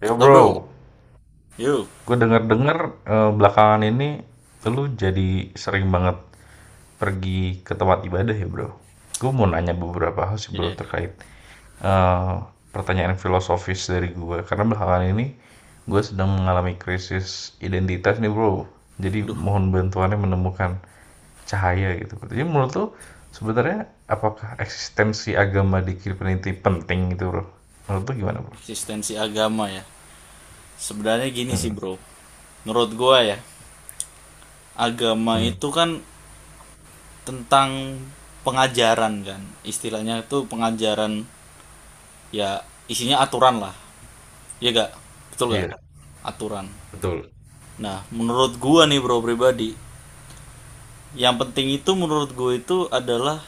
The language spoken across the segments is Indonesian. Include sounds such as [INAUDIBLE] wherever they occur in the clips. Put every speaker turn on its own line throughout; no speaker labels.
Yo
Lo bro,
bro,
yo,
gue denger-denger belakangan ini lu jadi sering banget pergi ke tempat ibadah ya bro. Gue mau nanya beberapa hal sih bro
ya,
terkait eh, pertanyaan filosofis dari gue. Karena belakangan ini gue sedang mengalami krisis identitas nih bro. Jadi
Duh,
mohon bantuannya menemukan cahaya gitu. Jadi menurut lu sebenarnya apakah eksistensi agama di kehidupan itu penting gitu bro? Menurut lu gimana bro?
eksistensi agama ya. Sebenarnya gini
Hmm.
sih bro, menurut gua ya, agama
Hmm.
itu kan tentang pengajaran kan, istilahnya itu pengajaran, ya isinya aturan lah, ya gak, betul gak?
Iya,
Aturan.
betul.
Nah, menurut gua nih bro pribadi, yang penting itu menurut gua itu adalah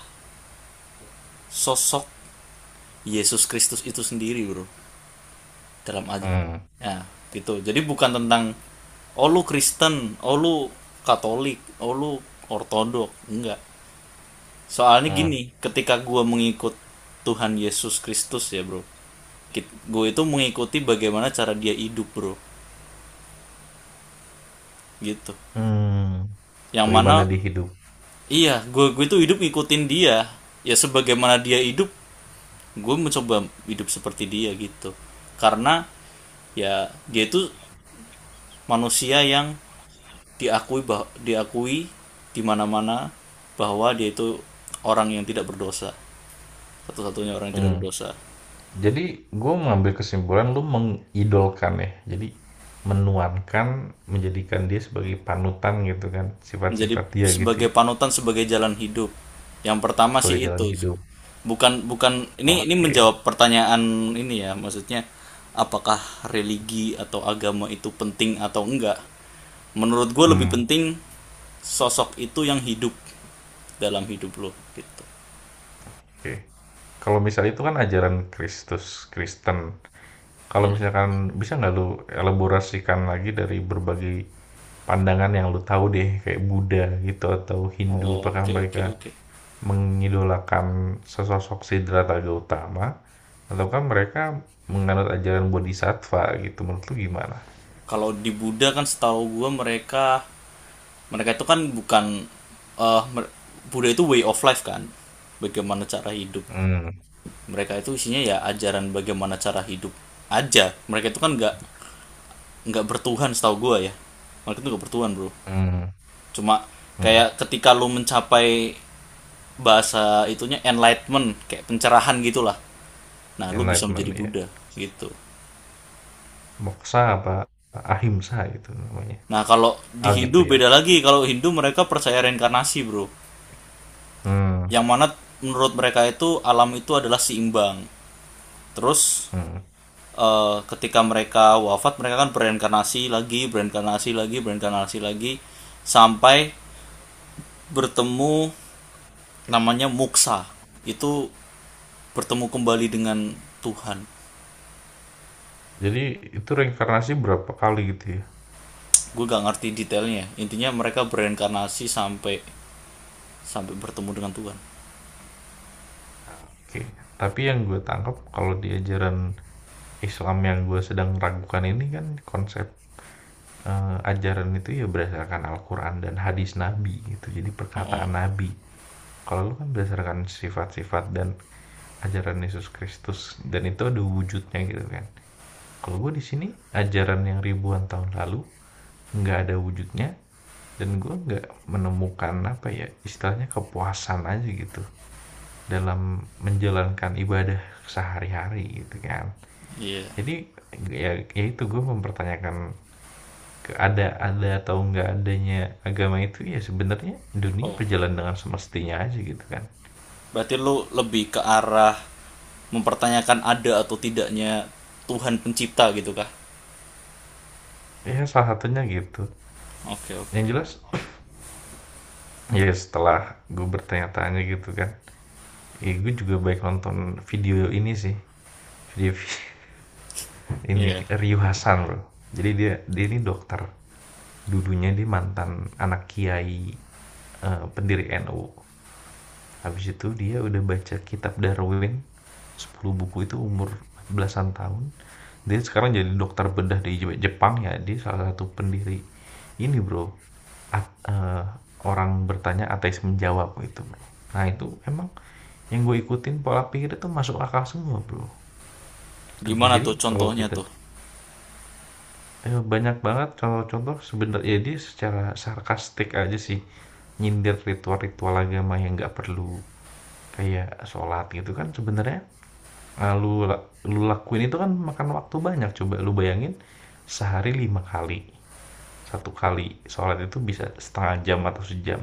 sosok Yesus Kristus itu sendiri bro. dalam aj-
Hmm.
Ya gitu, jadi bukan tentang oh lu Kristen, oh lu Katolik, oh lu Ortodok, enggak. Soalnya gini,
Hmm.
ketika gua mengikut Tuhan Yesus Kristus ya bro, gue itu mengikuti bagaimana cara dia hidup bro, gitu.
Mmm,
Yang
bagaimana
mana,
di hidup.
iya, gue itu hidup ngikutin dia, ya sebagaimana dia hidup, gue mencoba hidup seperti dia gitu, karena ya dia itu manusia yang diakui di mana-mana bahwa dia itu orang yang tidak berdosa, satu-satunya orang yang tidak
Mmm,
berdosa.
jadi gue mengambil kesimpulan lu mengidolkan ya, jadi menuankan, menjadikan dia sebagai panutan gitu kan,
Menjadi
sifat-sifat dia gitu
sebagai
ya,
panutan, sebagai jalan hidup, yang pertama sih
sebagai jalan
itu.
hidup.
Bukan bukan, ini
Oke.
menjawab pertanyaan ini ya, maksudnya apakah religi atau agama itu penting atau enggak, menurut gue lebih
Mmm.
penting sosok itu yang hidup dalam hidup lo gitu.
Oke. Kalau misalnya itu kan ajaran Kristus Kristen, kalau
Eh,
misalkan bisa nggak lu elaborasikan lagi dari berbagai pandangan yang lu tahu deh, kayak Buddha gitu atau Hindu,
oh,
apakah
oke oke
mereka
oke.
mengidolakan sesosok Siddhartha Gautama ataukah mereka menganut ajaran Bodhisattva gitu menurut lu gimana?
Kalau di Buddha kan setahu gue mereka mereka itu kan bukan, eh Buddha itu way of life kan. Bagaimana cara hidup.
Hmm.
Mereka itu isinya ya ajaran bagaimana cara hidup aja. Mereka itu kan nggak bertuhan setahu gue ya. Mereka itu nggak bertuhan bro.
Hmm.
Cuma
Hmm.
kayak ketika lo mencapai bahasa itunya enlightenment, kayak pencerahan gitulah, nah lo bisa menjadi
Enlightenment ya.
Buddha gitu.
Moksa apa ahimsa itu namanya.
Nah kalau di
Ah gitu
Hindu
ya.
beda lagi, kalau Hindu mereka percaya reinkarnasi bro,
Hmm.
yang mana menurut mereka itu alam itu adalah seimbang. Terus
Hmm.
ketika mereka wafat mereka kan bereinkarnasi lagi, bereinkarnasi lagi, bereinkarnasi lagi sampai bertemu namanya muksa. Itu bertemu kembali dengan Tuhan.
Jadi itu reinkarnasi berapa kali gitu ya?
Gue gak ngerti detailnya. Intinya mereka bereinkarnasi sampai sampai bertemu dengan Tuhan.
Oke. Tapi yang gue tangkap kalau di ajaran Islam yang gue sedang ragukan ini kan konsep ajaran itu ya berdasarkan Al-Quran dan hadis Nabi gitu. Jadi
Oh, iya.
perkataan
Oh,
Nabi. Kalau lu kan berdasarkan sifat-sifat dan ajaran Yesus Kristus dan itu ada wujudnya gitu kan. Kalau gue di sini ajaran yang ribuan tahun lalu nggak ada wujudnya dan gue nggak menemukan apa ya istilahnya kepuasan aja gitu dalam menjalankan ibadah sehari-hari gitu kan.
iya.
Jadi ya, ya itu gue mempertanyakan ada atau nggak adanya agama itu ya sebenarnya dunia
Oh,
berjalan dengan semestinya aja gitu kan.
berarti lu lebih ke arah mempertanyakan ada atau tidaknya Tuhan pencipta gitu kah?
Ya salah satunya gitu
Oke oke.
yang jelas. Ya setelah gue bertanya-tanya gitu kan. Eh, gue juga baik nonton video ini sih. Video [LAUGHS]
Iya.
ini Ryu Hasan loh. Jadi dia dia ini dokter. Dudunya dia mantan anak kiai pendiri NU. Habis itu dia udah baca kitab Darwin 10 buku itu umur belasan tahun. Dia sekarang jadi dokter bedah di Jepang ya. Dia salah satu pendiri ini bro. At- eh, Orang bertanya ateis menjawab gitu bro. Nah itu emang yang gue ikutin pola pikirnya tuh masuk akal semua, Bro. Gitu, Bro.
Gimana
Jadi
tuh
kalau
contohnya
kita
tuh?
banyak banget contoh-contoh sebenarnya dia secara sarkastik aja sih nyindir ritual-ritual agama yang nggak perlu kayak sholat gitu kan sebenarnya eh, lu lu lakuin itu kan makan waktu banyak coba lu bayangin sehari lima kali satu kali sholat itu bisa setengah jam atau sejam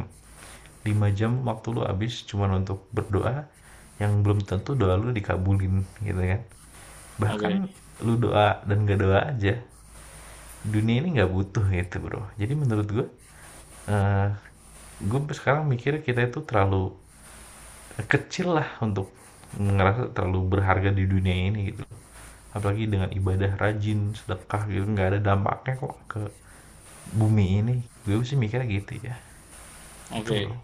lima jam waktu lu habis cuman untuk berdoa yang belum tentu doa lu dikabulin gitu kan bahkan
Oke.
lu doa dan gak doa aja dunia ini nggak butuh gitu bro jadi menurut gue eh gue sekarang mikir kita itu terlalu kecil lah untuk ngerasa terlalu berharga di dunia ini gitu apalagi dengan ibadah rajin sedekah gitu nggak ada dampaknya kok ke bumi ini gue sih mikirnya gitu ya gitu
Oke.
bro.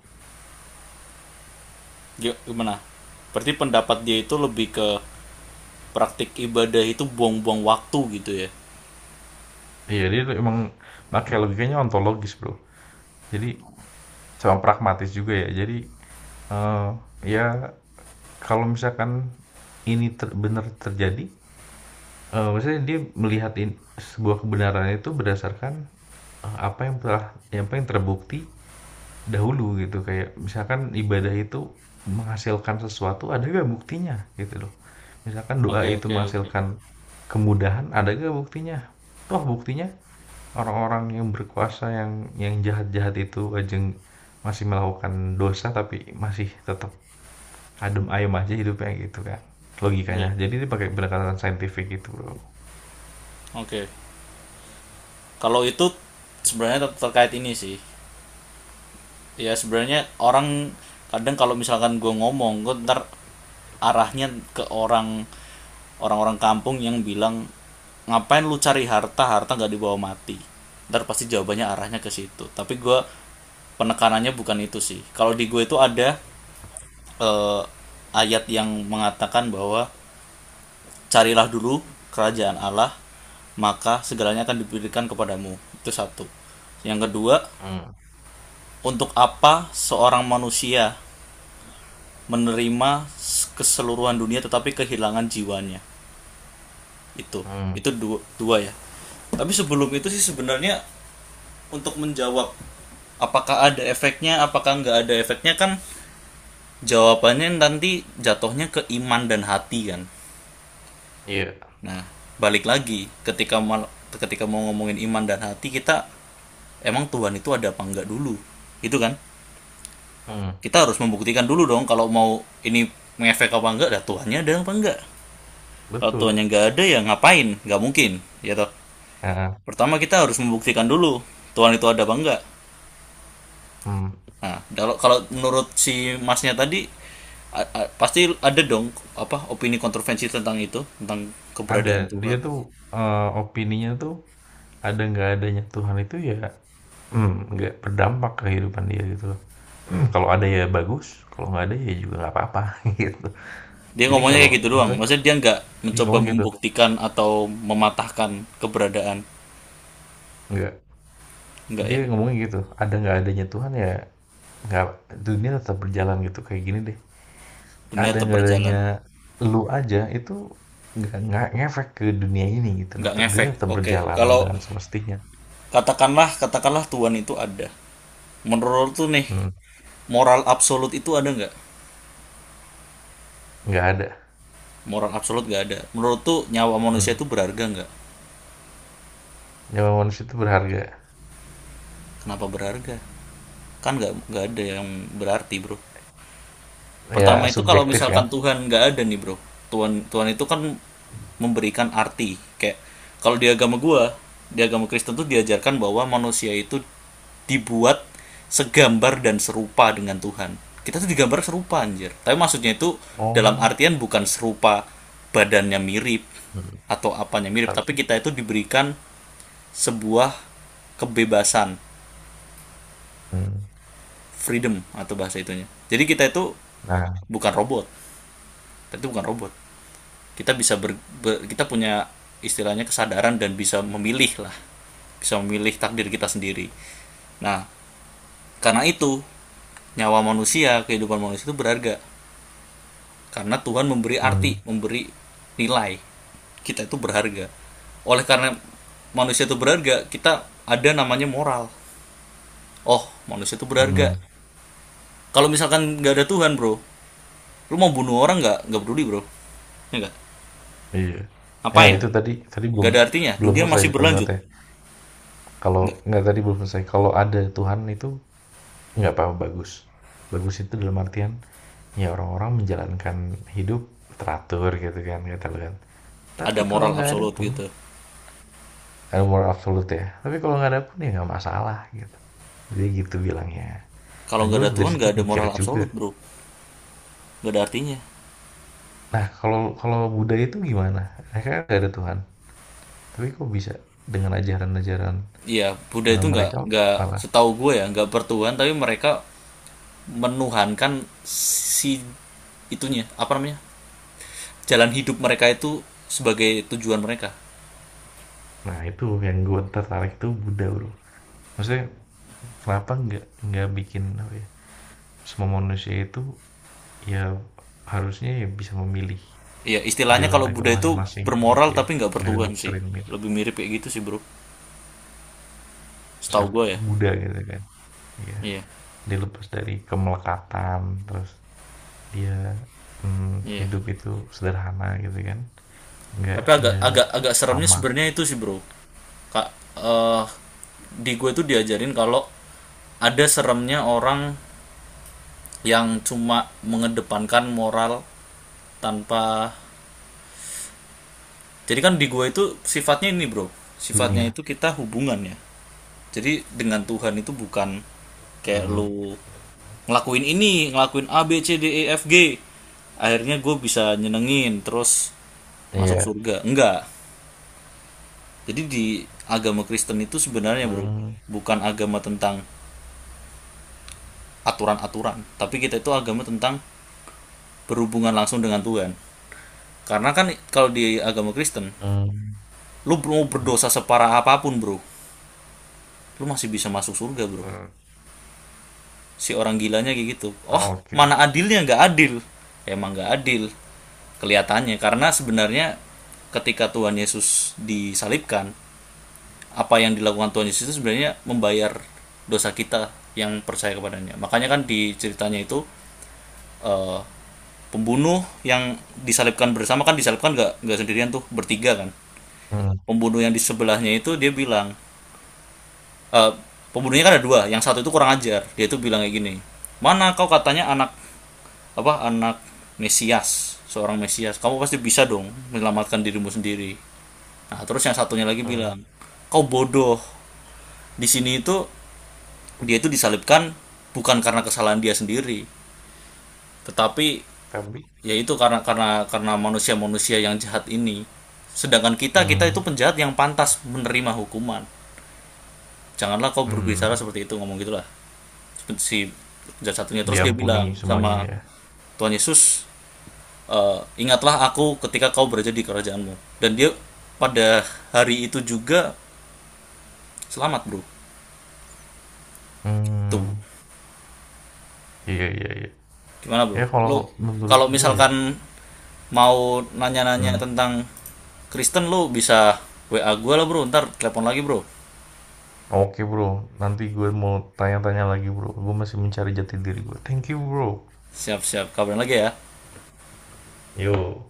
Gimana? Berarti pendapat dia itu lebih ke praktik ibadah itu buang-buang waktu gitu ya.
Iya dia emang makanya logikanya ontologis bro jadi sama pragmatis juga ya jadi eh, ya kalau misalkan benar terjadi. Maksudnya dia melihat sebuah kebenaran itu berdasarkan, apa yang telah apa yang terbukti dahulu gitu, kayak misalkan ibadah itu menghasilkan sesuatu, ada nggak buktinya? Gitu loh. Misalkan doa
Oke
itu
oke oke.
menghasilkan kemudahan, ada nggak buktinya? Toh buktinya orang-orang yang berkuasa, yang jahat-jahat itu ajeng masih melakukan dosa, tapi masih tetap adem ayem aja hidupnya gitu kan, logikanya.
Iya.
Jadi dia pakai pendekatan saintifik gitu, Bro.
Oke. Kalau itu sebenarnya terkait ini sih. Ya sebenarnya orang kadang, kalau misalkan gue ngomong, gue ntar arahnya ke orang-orang kampung yang bilang ngapain lu cari harta, harta nggak dibawa mati, ntar pasti jawabannya arahnya ke situ. Tapi gue penekanannya bukan itu sih. Kalau di gue itu ada eh, ayat yang mengatakan bahwa carilah dulu kerajaan Allah maka segalanya akan diberikan kepadamu, itu satu. Yang kedua,
Mhm.
untuk apa seorang manusia menerima keseluruhan dunia tetapi kehilangan jiwanya? Itu.
Mhm.
Itu dua, dua ya. Tapi sebelum itu sih sebenarnya, untuk menjawab apakah ada efeknya, apakah nggak ada efeknya, kan jawabannya nanti jatuhnya ke iman dan hati kan.
Iya.
Nah, balik lagi, ketika mau ngomongin iman dan hati, kita emang Tuhan itu ada apa enggak dulu. Itu kan?
Mhm.
Kita harus membuktikan dulu dong, kalau mau ini mengefek apa enggak, dah tuannya ada apa enggak. Kalau
Betul.
tuannya nggak ada ya ngapain, nggak mungkin ya toh.
Heeh.
Pertama kita harus membuktikan dulu Tuhan itu ada apa enggak.
Mhm.
Nah, kalau kalau menurut si masnya tadi, pasti ada dong, apa opini kontroversi tentang itu, tentang
Ada,
keberadaan
dia
Tuhan.
tuh, opininya tuh ada nggak adanya Tuhan itu ya, mmm, nggak berdampak ke kehidupan dia gitu loh. [CLEARS THROAT] Kalau ada ya bagus, kalau nggak ada ya juga nggak apa-apa [LAUGHS] gitu.
Dia
Jadi
ngomongnya
kalau
kayak gitu doang,
maksudnya
maksudnya dia nggak
dia
mencoba
ngomong gitu,
membuktikan atau mematahkan keberadaan,
nggak
enggak
dia
ya.
ngomongnya gitu, ada nggak adanya Tuhan ya nggak dunia tetap berjalan gitu, kayak gini deh,
Dunia
ada
tetap
nggak
berjalan,
adanya lu aja itu nggak ngefek ke dunia ini gitu loh,
nggak
dunia
ngefek.
tetap
Oke,
berjalan
kalau
dengan semestinya.
katakanlah katakanlah Tuhan itu ada, menurut tuh nih,
Mhm.
moral absolut itu ada nggak?
Nggak ada.
Moral absolut nggak ada. Menurut tuh nyawa
Mhm.
manusia itu berharga nggak?
Nyawa manusia itu berharga,
Kenapa berharga? Kan nggak ada yang berarti bro. Pertama
ya
itu, kalau
subjektif
misalkan
kan?
Tuhan nggak ada nih bro, Tuhan Tuhan itu kan memberikan arti. Kayak kalau di agama gua, di agama Kristen tuh diajarkan bahwa manusia itu dibuat segambar dan serupa dengan Tuhan. Kita tuh digambar serupa anjir. Tapi maksudnya itu dalam
Oh.
artian bukan serupa badannya mirip
Mhm.
atau apanya mirip, tapi
Tapi
kita itu diberikan sebuah kebebasan,
mhm.
freedom atau bahasa itunya. Jadi kita itu
Nah.
bukan robot, kita itu bukan robot, kita bisa ber, kita punya istilahnya kesadaran dan bisa memilih lah, bisa memilih takdir kita sendiri. Nah karena itu nyawa manusia, kehidupan manusia itu berharga, karena Tuhan memberi
Mhm.
arti, memberi nilai, kita itu berharga. Oleh karena manusia itu berharga, kita ada namanya moral. Oh, manusia itu berharga.
Mhm.
Kalau misalkan nggak ada Tuhan bro, lu mau bunuh orang nggak peduli bro, ya nggak,
Iya. Ya
ngapain,
itu tadi tadi belum
nggak ada artinya,
belum
dunia
selesai
masih
di
berlanjut.
kalimatnya. Kalau
Nggak.
nggak tadi belum selesai, kalau ada Tuhan itu nggak apa-apa bagus. Bagus itu dalam artian, ya orang-orang menjalankan hidup teratur gitu kan kata lu kan.
Ada
Tapi kalau
moral
nggak ada
absolut
pun
gitu.
ada moral absolute ya, tapi kalau nggak ada pun ya nggak masalah gitu. Jadi gitu bilangnya. Nah
Kalau nggak
gue
ada
dari
Tuhan,
situ
nggak ada
mikir
moral
juga.
absolut bro, nggak ada artinya.
Nah, kalau kalau Buddha itu gimana? Mereka kan nggak ada Tuhan, tapi kok bisa dengan ajaran-ajaran
Iya, Buddha itu nggak
mereka
nggak
malah.
setahu gue ya, nggak bertuhan, tapi mereka menuhankan si itunya, apa namanya, jalan hidup mereka itu sebagai tujuan mereka.
Nah, itu yang gue tertarik tuh Buddha, bro. Maksudnya kenapa nggak bikin apa ya? Semua manusia itu ya harusnya ya bisa memilih
Iya istilahnya
jalan
kalau
agama
Buddha itu
masing-masing gitu
bermoral
ya.
tapi nggak
Nggak ada
bertuhan sih,
doktrin gitu.
lebih mirip kayak gitu sih bro, setahu
Saya
gue ya.
Buddha gitu kan. Ya,
Iya
dia lepas dari kemelekatan, terus dia hmm,
iya.
hidup itu sederhana gitu kan. Nggak
Tapi agak
nggak
agak agak seremnya
sama
sebenarnya itu sih bro, kak eh, di gue tuh diajarin kalau ada seremnya orang yang cuma mengedepankan moral tanpa. Jadi kan di gue itu sifatnya ini bro, sifatnya
dunia.
itu kita hubungan ya, jadi dengan Tuhan itu bukan kayak
Mmm.
lu ngelakuin ini, ngelakuin A B C D E F G akhirnya gue bisa nyenengin terus masuk
Iya.
surga, enggak. Jadi di agama Kristen itu sebenarnya bro,
Mmm.
bukan agama tentang aturan-aturan, tapi kita itu agama tentang berhubungan langsung dengan Tuhan. Karena kan kalau di agama Kristen,
Mmm.
lu mau
Mhm.
berdosa separah apapun bro, lu masih bisa masuk surga bro.
Mhm.
Si orang gilanya kayak gitu. Oh, mana
Oke.
adilnya, nggak adil? Emang nggak adil kelihatannya, karena sebenarnya ketika Tuhan Yesus disalibkan, apa yang dilakukan Tuhan Yesus itu sebenarnya membayar dosa kita yang percaya kepadanya. Makanya kan di ceritanya itu, eh, pembunuh yang disalibkan bersama kan, disalibkan nggak sendirian tuh, bertiga kan.
Mhm.
Pembunuh yang di sebelahnya itu dia bilang, eh, pembunuhnya kan ada dua, yang satu itu kurang ajar. Dia itu bilang kayak gini, mana kau katanya anak, apa anak Mesias, seorang Mesias, kamu pasti bisa dong menyelamatkan dirimu sendiri. Nah terus yang satunya lagi
Mhm.
bilang, kau bodoh, di sini itu dia itu disalibkan bukan karena kesalahan dia sendiri, tetapi
Tapi
yaitu karena manusia-manusia yang jahat ini, sedangkan kita kita
mhm.
itu penjahat yang pantas menerima hukuman, janganlah kau berbicara
Mhm,
seperti itu, ngomong gitulah si penjahat satunya. Terus dia
diampuni
bilang
semuanya
sama
ya?
Tuhan Yesus, "Eh, ingatlah aku ketika kau berada di kerajaanmu," dan dia pada hari itu juga selamat bro. Tuh,
Mmm. Iya iya iya.
gimana bro
Ya kalau
lo,
menurut
kalau
gua ya.
misalkan mau nanya-nanya
Mhm.
tentang Kristen, lu bisa WA gue lah bro, ntar telepon lagi bro,
Oke Bro, nanti gue mau tanya-tanya lagi Bro, gue masih mencari jati diri gue. Thank you Bro.
siap-siap kabarin lagi ya
Yo.